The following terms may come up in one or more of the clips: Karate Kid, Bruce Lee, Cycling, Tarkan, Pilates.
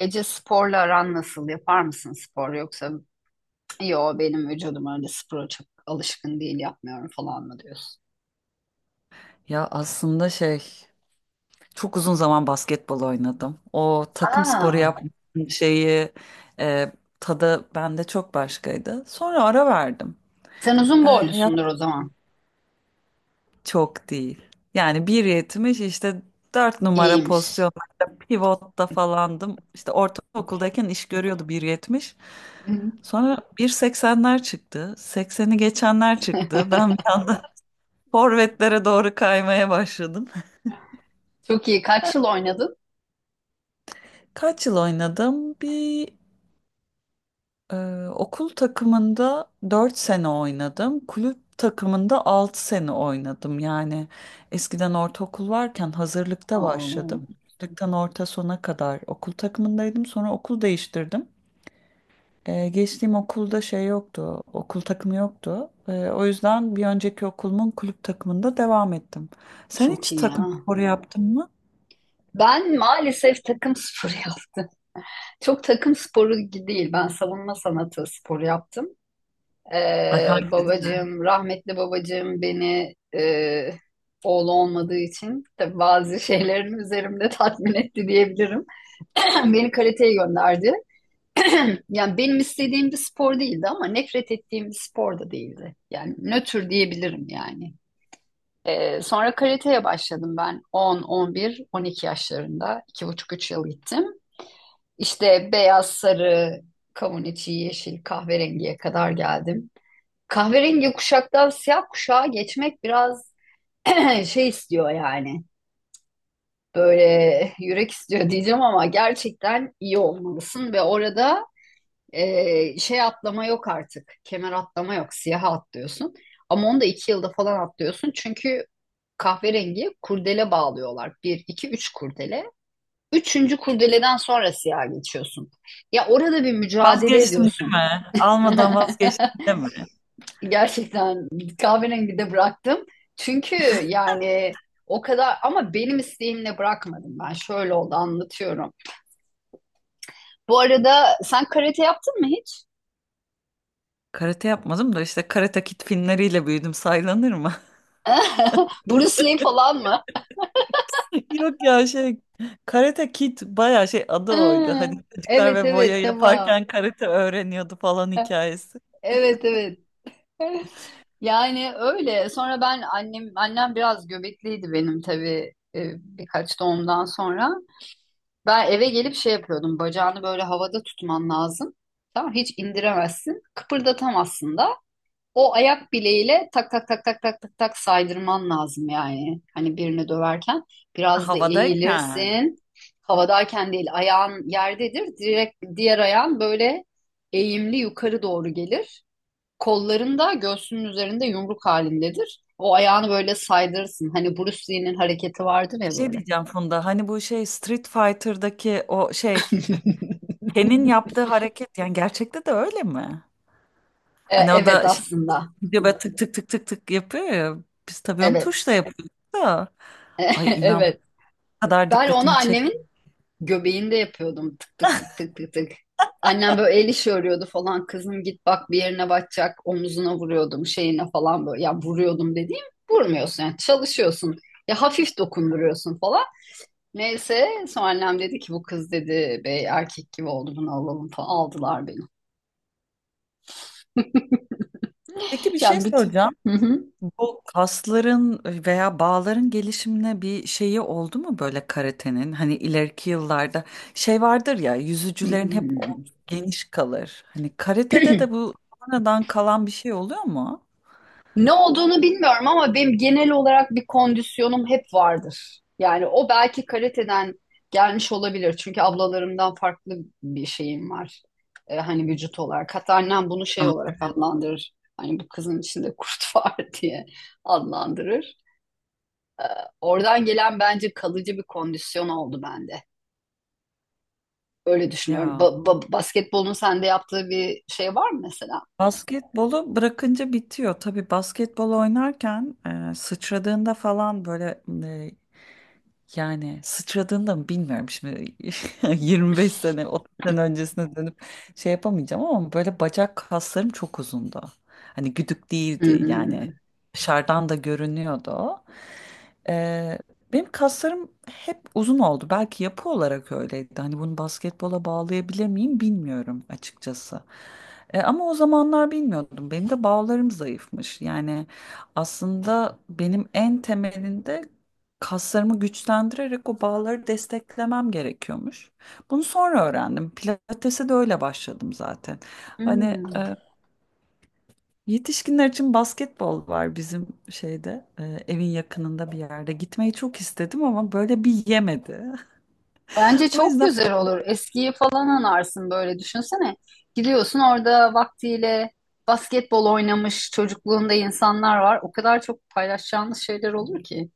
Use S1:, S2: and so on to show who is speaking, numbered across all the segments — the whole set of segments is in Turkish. S1: Ece sporla aran nasıl? Yapar mısın spor, yoksa yo benim vücudum öyle spora çok alışkın değil yapmıyorum falan mı diyorsun?
S2: Ya, aslında çok uzun zaman basketbol oynadım. O takım sporu
S1: Aa,
S2: yapmanın şeyi, e, tadı bende çok başkaydı. Sonra ara verdim.
S1: sen uzun
S2: E, yap-
S1: boylusundur o zaman.
S2: Çok değil. Yani 1,70 işte, 4 numara
S1: İyiymiş.
S2: pozisyonlarda pivotta falandım. İşte ortaokuldayken iş görüyordu 1,70.
S1: Hı hı.
S2: Sonra 1,80'ler çıktı. 80'i geçenler çıktı. Ben bir anda forvetlere doğru kaymaya başladım.
S1: Çok iyi. Kaç yıl oynadın?
S2: Kaç yıl oynadım? Bir Okul takımında 4 sene oynadım. Kulüp takımında 6 sene oynadım. Yani eskiden ortaokul varken hazırlıkta
S1: Oo,
S2: başladım. Hazırlıktan orta sona kadar okul takımındaydım. Sonra okul değiştirdim. Geçtiğim okulda şey yoktu. Okul takımı yoktu. O yüzden bir önceki okulumun kulüp takımında devam ettim. Sen
S1: çok
S2: hiç
S1: iyi
S2: takım
S1: ya.
S2: sporu yaptın mı?
S1: Ben maalesef takım sporu yaptım. Çok takım sporu değil. Ben savunma sanatı sporu yaptım.
S2: Ay,
S1: Ee,
S2: hangisi?
S1: babacığım, rahmetli babacığım beni oğlu olmadığı için tabii bazı şeylerin üzerimde tatmin etti diyebilirim. Beni karateye gönderdi. Yani benim istediğim bir spor değildi ama nefret ettiğim bir spor da değildi. Yani nötr diyebilirim yani. Sonra karateye başladım ben 10, 11, 12 yaşlarında. 2,5-3 yıl gittim. İşte beyaz, sarı, kavun içi, yeşil, kahverengiye kadar geldim. Kahverengi kuşaktan siyah kuşağa geçmek biraz şey istiyor yani. Böyle yürek istiyor diyeceğim ama gerçekten iyi olmalısın ve orada şey atlama yok artık. Kemer atlama yok. Siyaha atlıyorsun. Ama onu da 2 yılda falan atlıyorsun. Çünkü kahverengi kurdele bağlıyorlar. Bir, iki, üç kurdele. Üçüncü kurdeleden sonra siyaha geçiyorsun. Ya orada bir mücadele
S2: Vazgeçtim değil
S1: ediyorsun.
S2: mi? Almadan vazgeçtim değil mi?
S1: Gerçekten kahverengi de bıraktım. Çünkü yani o kadar, ama benim isteğimle bırakmadım ben. Şöyle oldu, anlatıyorum. Bu arada sen karate yaptın mı hiç?
S2: Karate yapmadım da işte, Karate Kid filmleriyle büyüdüm, saylanır mı?
S1: Bruce Lee falan mı?
S2: Yok ya, Karate Kid bayağı şey, adı oydu.
S1: Ha,
S2: Hani çocuklar
S1: evet
S2: ve
S1: evet,
S2: boya
S1: tamam.
S2: yaparken karate öğreniyordu falan, hikayesi.
S1: Evet evet. Yani öyle. Sonra ben annem biraz göbekliydi benim tabii, birkaç doğumdan sonra. Ben eve gelip şey yapıyordum. Bacağını böyle havada tutman lazım. Tamam, hiç indiremezsin. Kıpırdatamazsın da. O ayak bileğiyle tak tak tak tak tak tak tak saydırman lazım yani. Hani birini döverken
S2: Ha,
S1: biraz da
S2: havadayken
S1: eğilirsin. Havadayken değil, ayağın yerdedir. Direkt diğer ayağın böyle eğimli yukarı doğru gelir. Kolların da göğsünün üzerinde yumruk halindedir. O ayağını böyle saydırırsın. Hani Bruce Lee'nin hareketi vardır
S2: bir
S1: ya
S2: şey
S1: böyle.
S2: diyeceğim Funda, hani bu şey Street Fighter'daki o şey, Ken'in yaptığı hareket, yani gerçekte de öyle mi?
S1: E,
S2: Hani o
S1: evet
S2: da
S1: aslında.
S2: gidiyor böyle tık tık tık tık tık yapıyor ya, biz tabii onu
S1: Evet.
S2: tuşla yapıyoruz da, ay inan bu
S1: Evet.
S2: kadar
S1: Ben onu
S2: dikkatimi çekti.
S1: annemin göbeğinde yapıyordum. Tık tık tık tık tık tık. Annem böyle el işi örüyordu falan. Kızım git bak bir yerine batacak. Omuzuna vuruyordum, şeyine falan böyle. Ya, vuruyordum dediğim, vurmuyorsun yani, çalışıyorsun. Ya hafif dokunduruyorsun falan. Neyse, sonra annem dedi ki bu kız dedi bey erkek gibi oldu bunu alalım falan. Aldılar beni.
S2: Peki, bir şey
S1: Yani bütün...
S2: soracağım.
S1: Hı hı.
S2: Bu kasların veya bağların gelişimine bir şeyi oldu mu böyle, karatenin? Hani ileriki yıllarda şey vardır ya, yüzücülerin hep omzu
S1: Hmm.
S2: geniş kalır. Hani karatede de bu sonradan kalan bir şey oluyor mu?
S1: Ne olduğunu bilmiyorum ama benim genel olarak bir kondisyonum hep vardır. Yani o belki karateden gelmiş olabilir. Çünkü ablalarımdan farklı bir şeyim var. Hani vücut olarak. Hatta annem bunu şey olarak
S2: Anatomi.
S1: adlandırır. Hani bu kızın içinde kurt var diye adlandırır. Oradan gelen bence kalıcı bir kondisyon oldu bende. Öyle düşünüyorum.
S2: Ya,
S1: Basketbolun sende yaptığı bir şey var mı mesela?
S2: basketbolu bırakınca bitiyor. Tabii basketbol oynarken sıçradığında falan böyle. Yani sıçradığında mı bilmiyorum şimdi, 25 sene 30 sene öncesine dönüp şey yapamayacağım ama, böyle bacak kaslarım çok uzundu. Hani güdük değildi yani,
S1: Hmm.
S2: dışarıdan da görünüyordu o. Ee, Benim kaslarım hep uzun oldu. Belki yapı olarak öyleydi. Hani bunu basketbola bağlayabilir miyim bilmiyorum, açıkçası. Ama o zamanlar bilmiyordum. Benim de bağlarım zayıfmış. Yani aslında benim en temelinde kaslarımı güçlendirerek o bağları desteklemem gerekiyormuş. Bunu sonra öğrendim. Pilates'e de öyle başladım zaten. Hani
S1: Hmm.
S2: yetişkinler için basketbol var bizim şeyde, evin yakınında bir yerde. Gitmeyi çok istedim ama böyle bir yemedi.
S1: Bence
S2: O
S1: çok
S2: yüzden
S1: güzel olur. Eskiyi falan anarsın böyle, düşünsene. Gidiyorsun, orada vaktiyle basketbol oynamış çocukluğunda insanlar var. O kadar çok paylaşacağınız şeyler olur ki.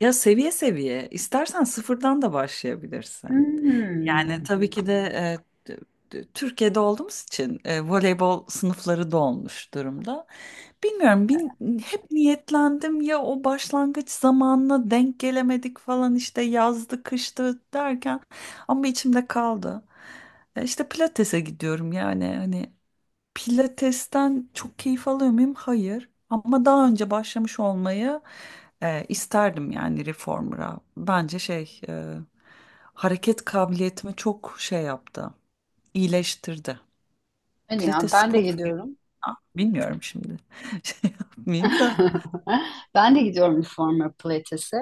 S2: ya, seviye seviye istersen sıfırdan da başlayabilirsin. Yani
S1: Hmm.
S2: tabii ki de, t- Türkiye'de olduğumuz için voleybol sınıfları dolmuş durumda. Bilmiyorum, hep niyetlendim ya, o başlangıç zamanına denk gelemedik falan işte, yazdı kıştı derken, ama içimde kaldı. İşte pilatese gidiyorum yani, hani pilatesten çok keyif alıyor muyum? Hayır. Ama daha önce başlamış olmayı isterdim yani, reformer'a. Bence hareket kabiliyetimi çok şey yaptı, iyileştirdi.
S1: Hadi ya,
S2: Pilates
S1: ben de
S2: spor,
S1: gidiyorum.
S2: bilmiyorum şimdi, şey yapmayayım da.
S1: Ben de gidiyorum Reformer Pilates'e.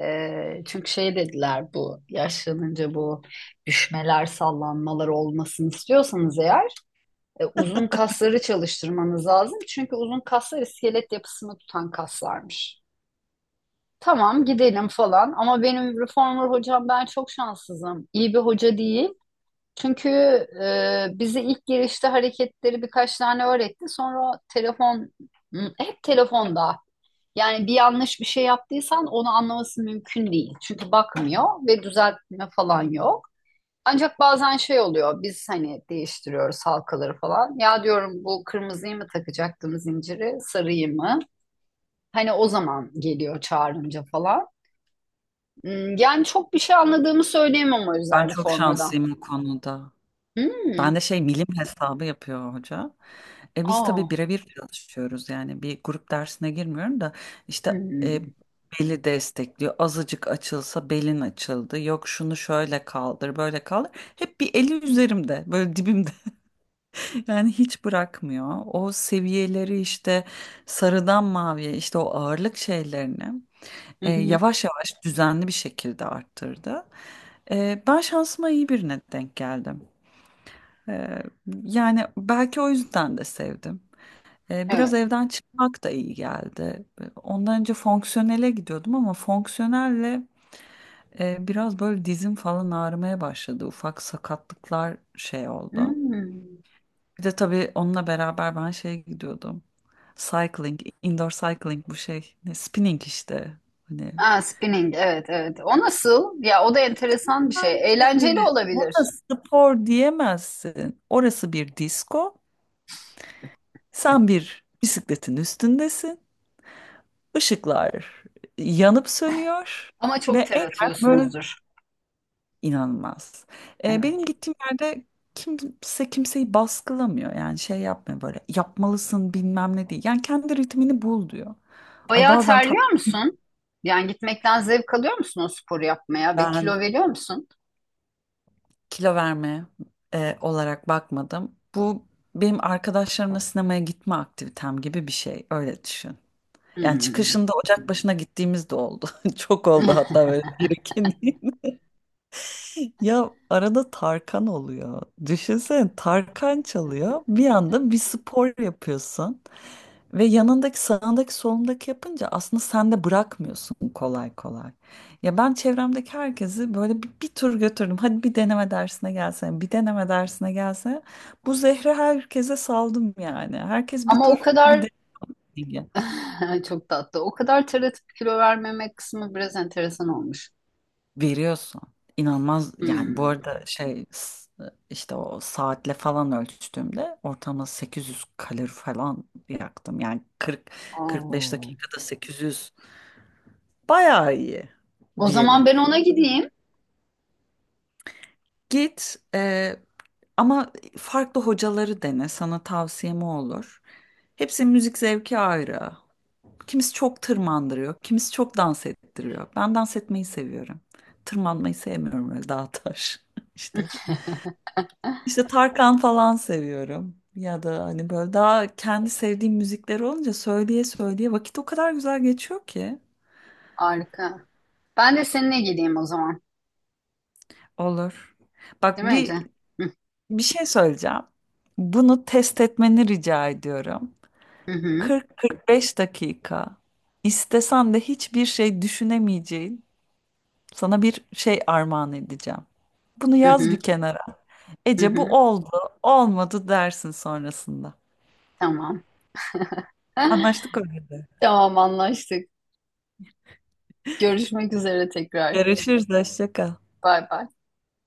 S1: Çünkü şey dediler, bu yaşlanınca bu düşmeler sallanmalar olmasını istiyorsanız eğer uzun kasları çalıştırmanız lazım. Çünkü uzun kaslar iskelet yapısını tutan kaslarmış. Tamam gidelim falan ama benim reformer hocam, ben çok şanssızım. İyi bir hoca değil. Çünkü bize ilk girişte hareketleri birkaç tane öğretti. Sonra telefon, hı, hep telefonda. Yani bir yanlış bir şey yaptıysan onu anlaması mümkün değil. Çünkü bakmıyor ve düzeltme falan yok. Ancak bazen şey oluyor, biz hani değiştiriyoruz halkaları falan. Ya diyorum bu kırmızıyı mı takacaktım zinciri, sarıyı mı? Hani o zaman geliyor çağırınca falan. Yani çok bir şey anladığımı söyleyemem o
S2: Ben
S1: yüzden
S2: çok
S1: formadan.
S2: şanslıyım bu konuda.
S1: Hmm.
S2: Ben de milim hesabı yapıyor hoca. E biz
S1: Aa.
S2: tabii birebir çalışıyoruz, yani bir grup dersine girmiyorum da işte,
S1: Hmm.
S2: beli destekliyor. Azıcık açılsa belin açıldı. Yok, şunu şöyle kaldır, böyle kaldır. Hep bir eli üzerimde, böyle dibimde. Yani hiç bırakmıyor. O seviyeleri işte sarıdan maviye, işte o ağırlık şeylerini
S1: Hı hı.
S2: yavaş yavaş düzenli bir şekilde arttırdı. Ben şansıma iyi birine denk geldim. E, Yani belki o yüzden de sevdim. Biraz
S1: Evet.
S2: evden çıkmak da iyi geldi. Ondan önce fonksiyonele gidiyordum ama fonksiyonelle biraz böyle dizim falan ağrımaya başladı. Ufak sakatlıklar şey oldu.
S1: Hmm.
S2: Bir de tabii onunla beraber ben şeye gidiyordum. Cycling, indoor cycling, bu şey, ne, spinning işte. Hani
S1: Aa, spinning, evet evet. O nasıl? Ya o da enteresan bir şey. Eğlenceli
S2: pencereleri.
S1: olabilir.
S2: Ona spor diyemezsin. Orası bir disko. Sen bir bisikletin üstündesin. Işıklar yanıp sönüyor
S1: Ama çok
S2: ve
S1: ter
S2: eğer böyle,
S1: atıyorsunuzdur.
S2: inanılmaz. Benim
S1: Evet.
S2: gittiğim yerde kimse kimseyi baskılamıyor. Yani şey yapmıyor, böyle yapmalısın bilmem ne değil. Yani kendi ritmini bul diyor. Ay
S1: Bayağı
S2: bazen
S1: terliyor musun? Yani gitmekten zevk alıyor musun o sporu yapmaya ve
S2: ben
S1: kilo veriyor musun?
S2: kilo verme olarak bakmadım. Bu benim arkadaşlarımla sinemaya gitme aktivitem gibi bir şey. Öyle düşün. Yani
S1: Hmm.
S2: çıkışında ocak başına gittiğimiz de oldu. Çok oldu hatta, böyle bir iki. Ya, arada Tarkan oluyor. Düşünsene, Tarkan çalıyor. Bir anda bir spor yapıyorsun. Ve yanındaki, sağındaki, solundaki yapınca aslında sen de bırakmıyorsun kolay kolay. Ya ben çevremdeki herkesi böyle bir tur götürdüm. Hadi bir deneme dersine gelsene, bir deneme dersine gelsene. Bu zehri herkese saldım yani. Herkes bir
S1: Ama o
S2: tur, bir
S1: kadar
S2: deneyim.
S1: çok tatlı. O kadar ter atıp kilo vermemek kısmı biraz enteresan olmuş.
S2: Veriyorsun. İnanılmaz yani, bu
S1: Hmm.
S2: arada işte o saatle falan ölçtüğümde ortalama 800 kalori falan yaktım. Yani 40-45
S1: Oo.
S2: dakikada 800, bayağı iyi
S1: O zaman
S2: diyelim.
S1: ben ona gideyim.
S2: Git, ama farklı hocaları dene, sana tavsiyem o olur. Hepsinin müzik zevki ayrı. Kimisi çok tırmandırıyor, kimisi çok dans ettiriyor. Ben dans etmeyi seviyorum. Tırmanmayı sevmiyorum öyle dağ taş işte. İşte Tarkan falan seviyorum. Ya da hani böyle daha kendi sevdiğim müzikler olunca söyleye söyleye vakit o kadar güzel geçiyor ki.
S1: Harika. Ben de seninle geleyim o zaman.
S2: Olur. Bak,
S1: Değil mi Ece?
S2: bir
S1: Hı
S2: bir şey söyleyeceğim. Bunu test etmeni rica ediyorum.
S1: hı
S2: 40-45 dakika. İstesen de hiçbir şey düşünemeyeceğin, sana bir şey armağan edeceğim. Bunu
S1: hı
S2: yaz
S1: hı
S2: bir kenara.
S1: hı.
S2: Ece, bu
S1: Hı.
S2: oldu, olmadı dersin sonrasında.
S1: Tamam.
S2: Anlaştık öyle de.
S1: Tamam anlaştık. Görüşmek üzere tekrar.
S2: Görüşürüz, hoşça kal.
S1: Bay bay.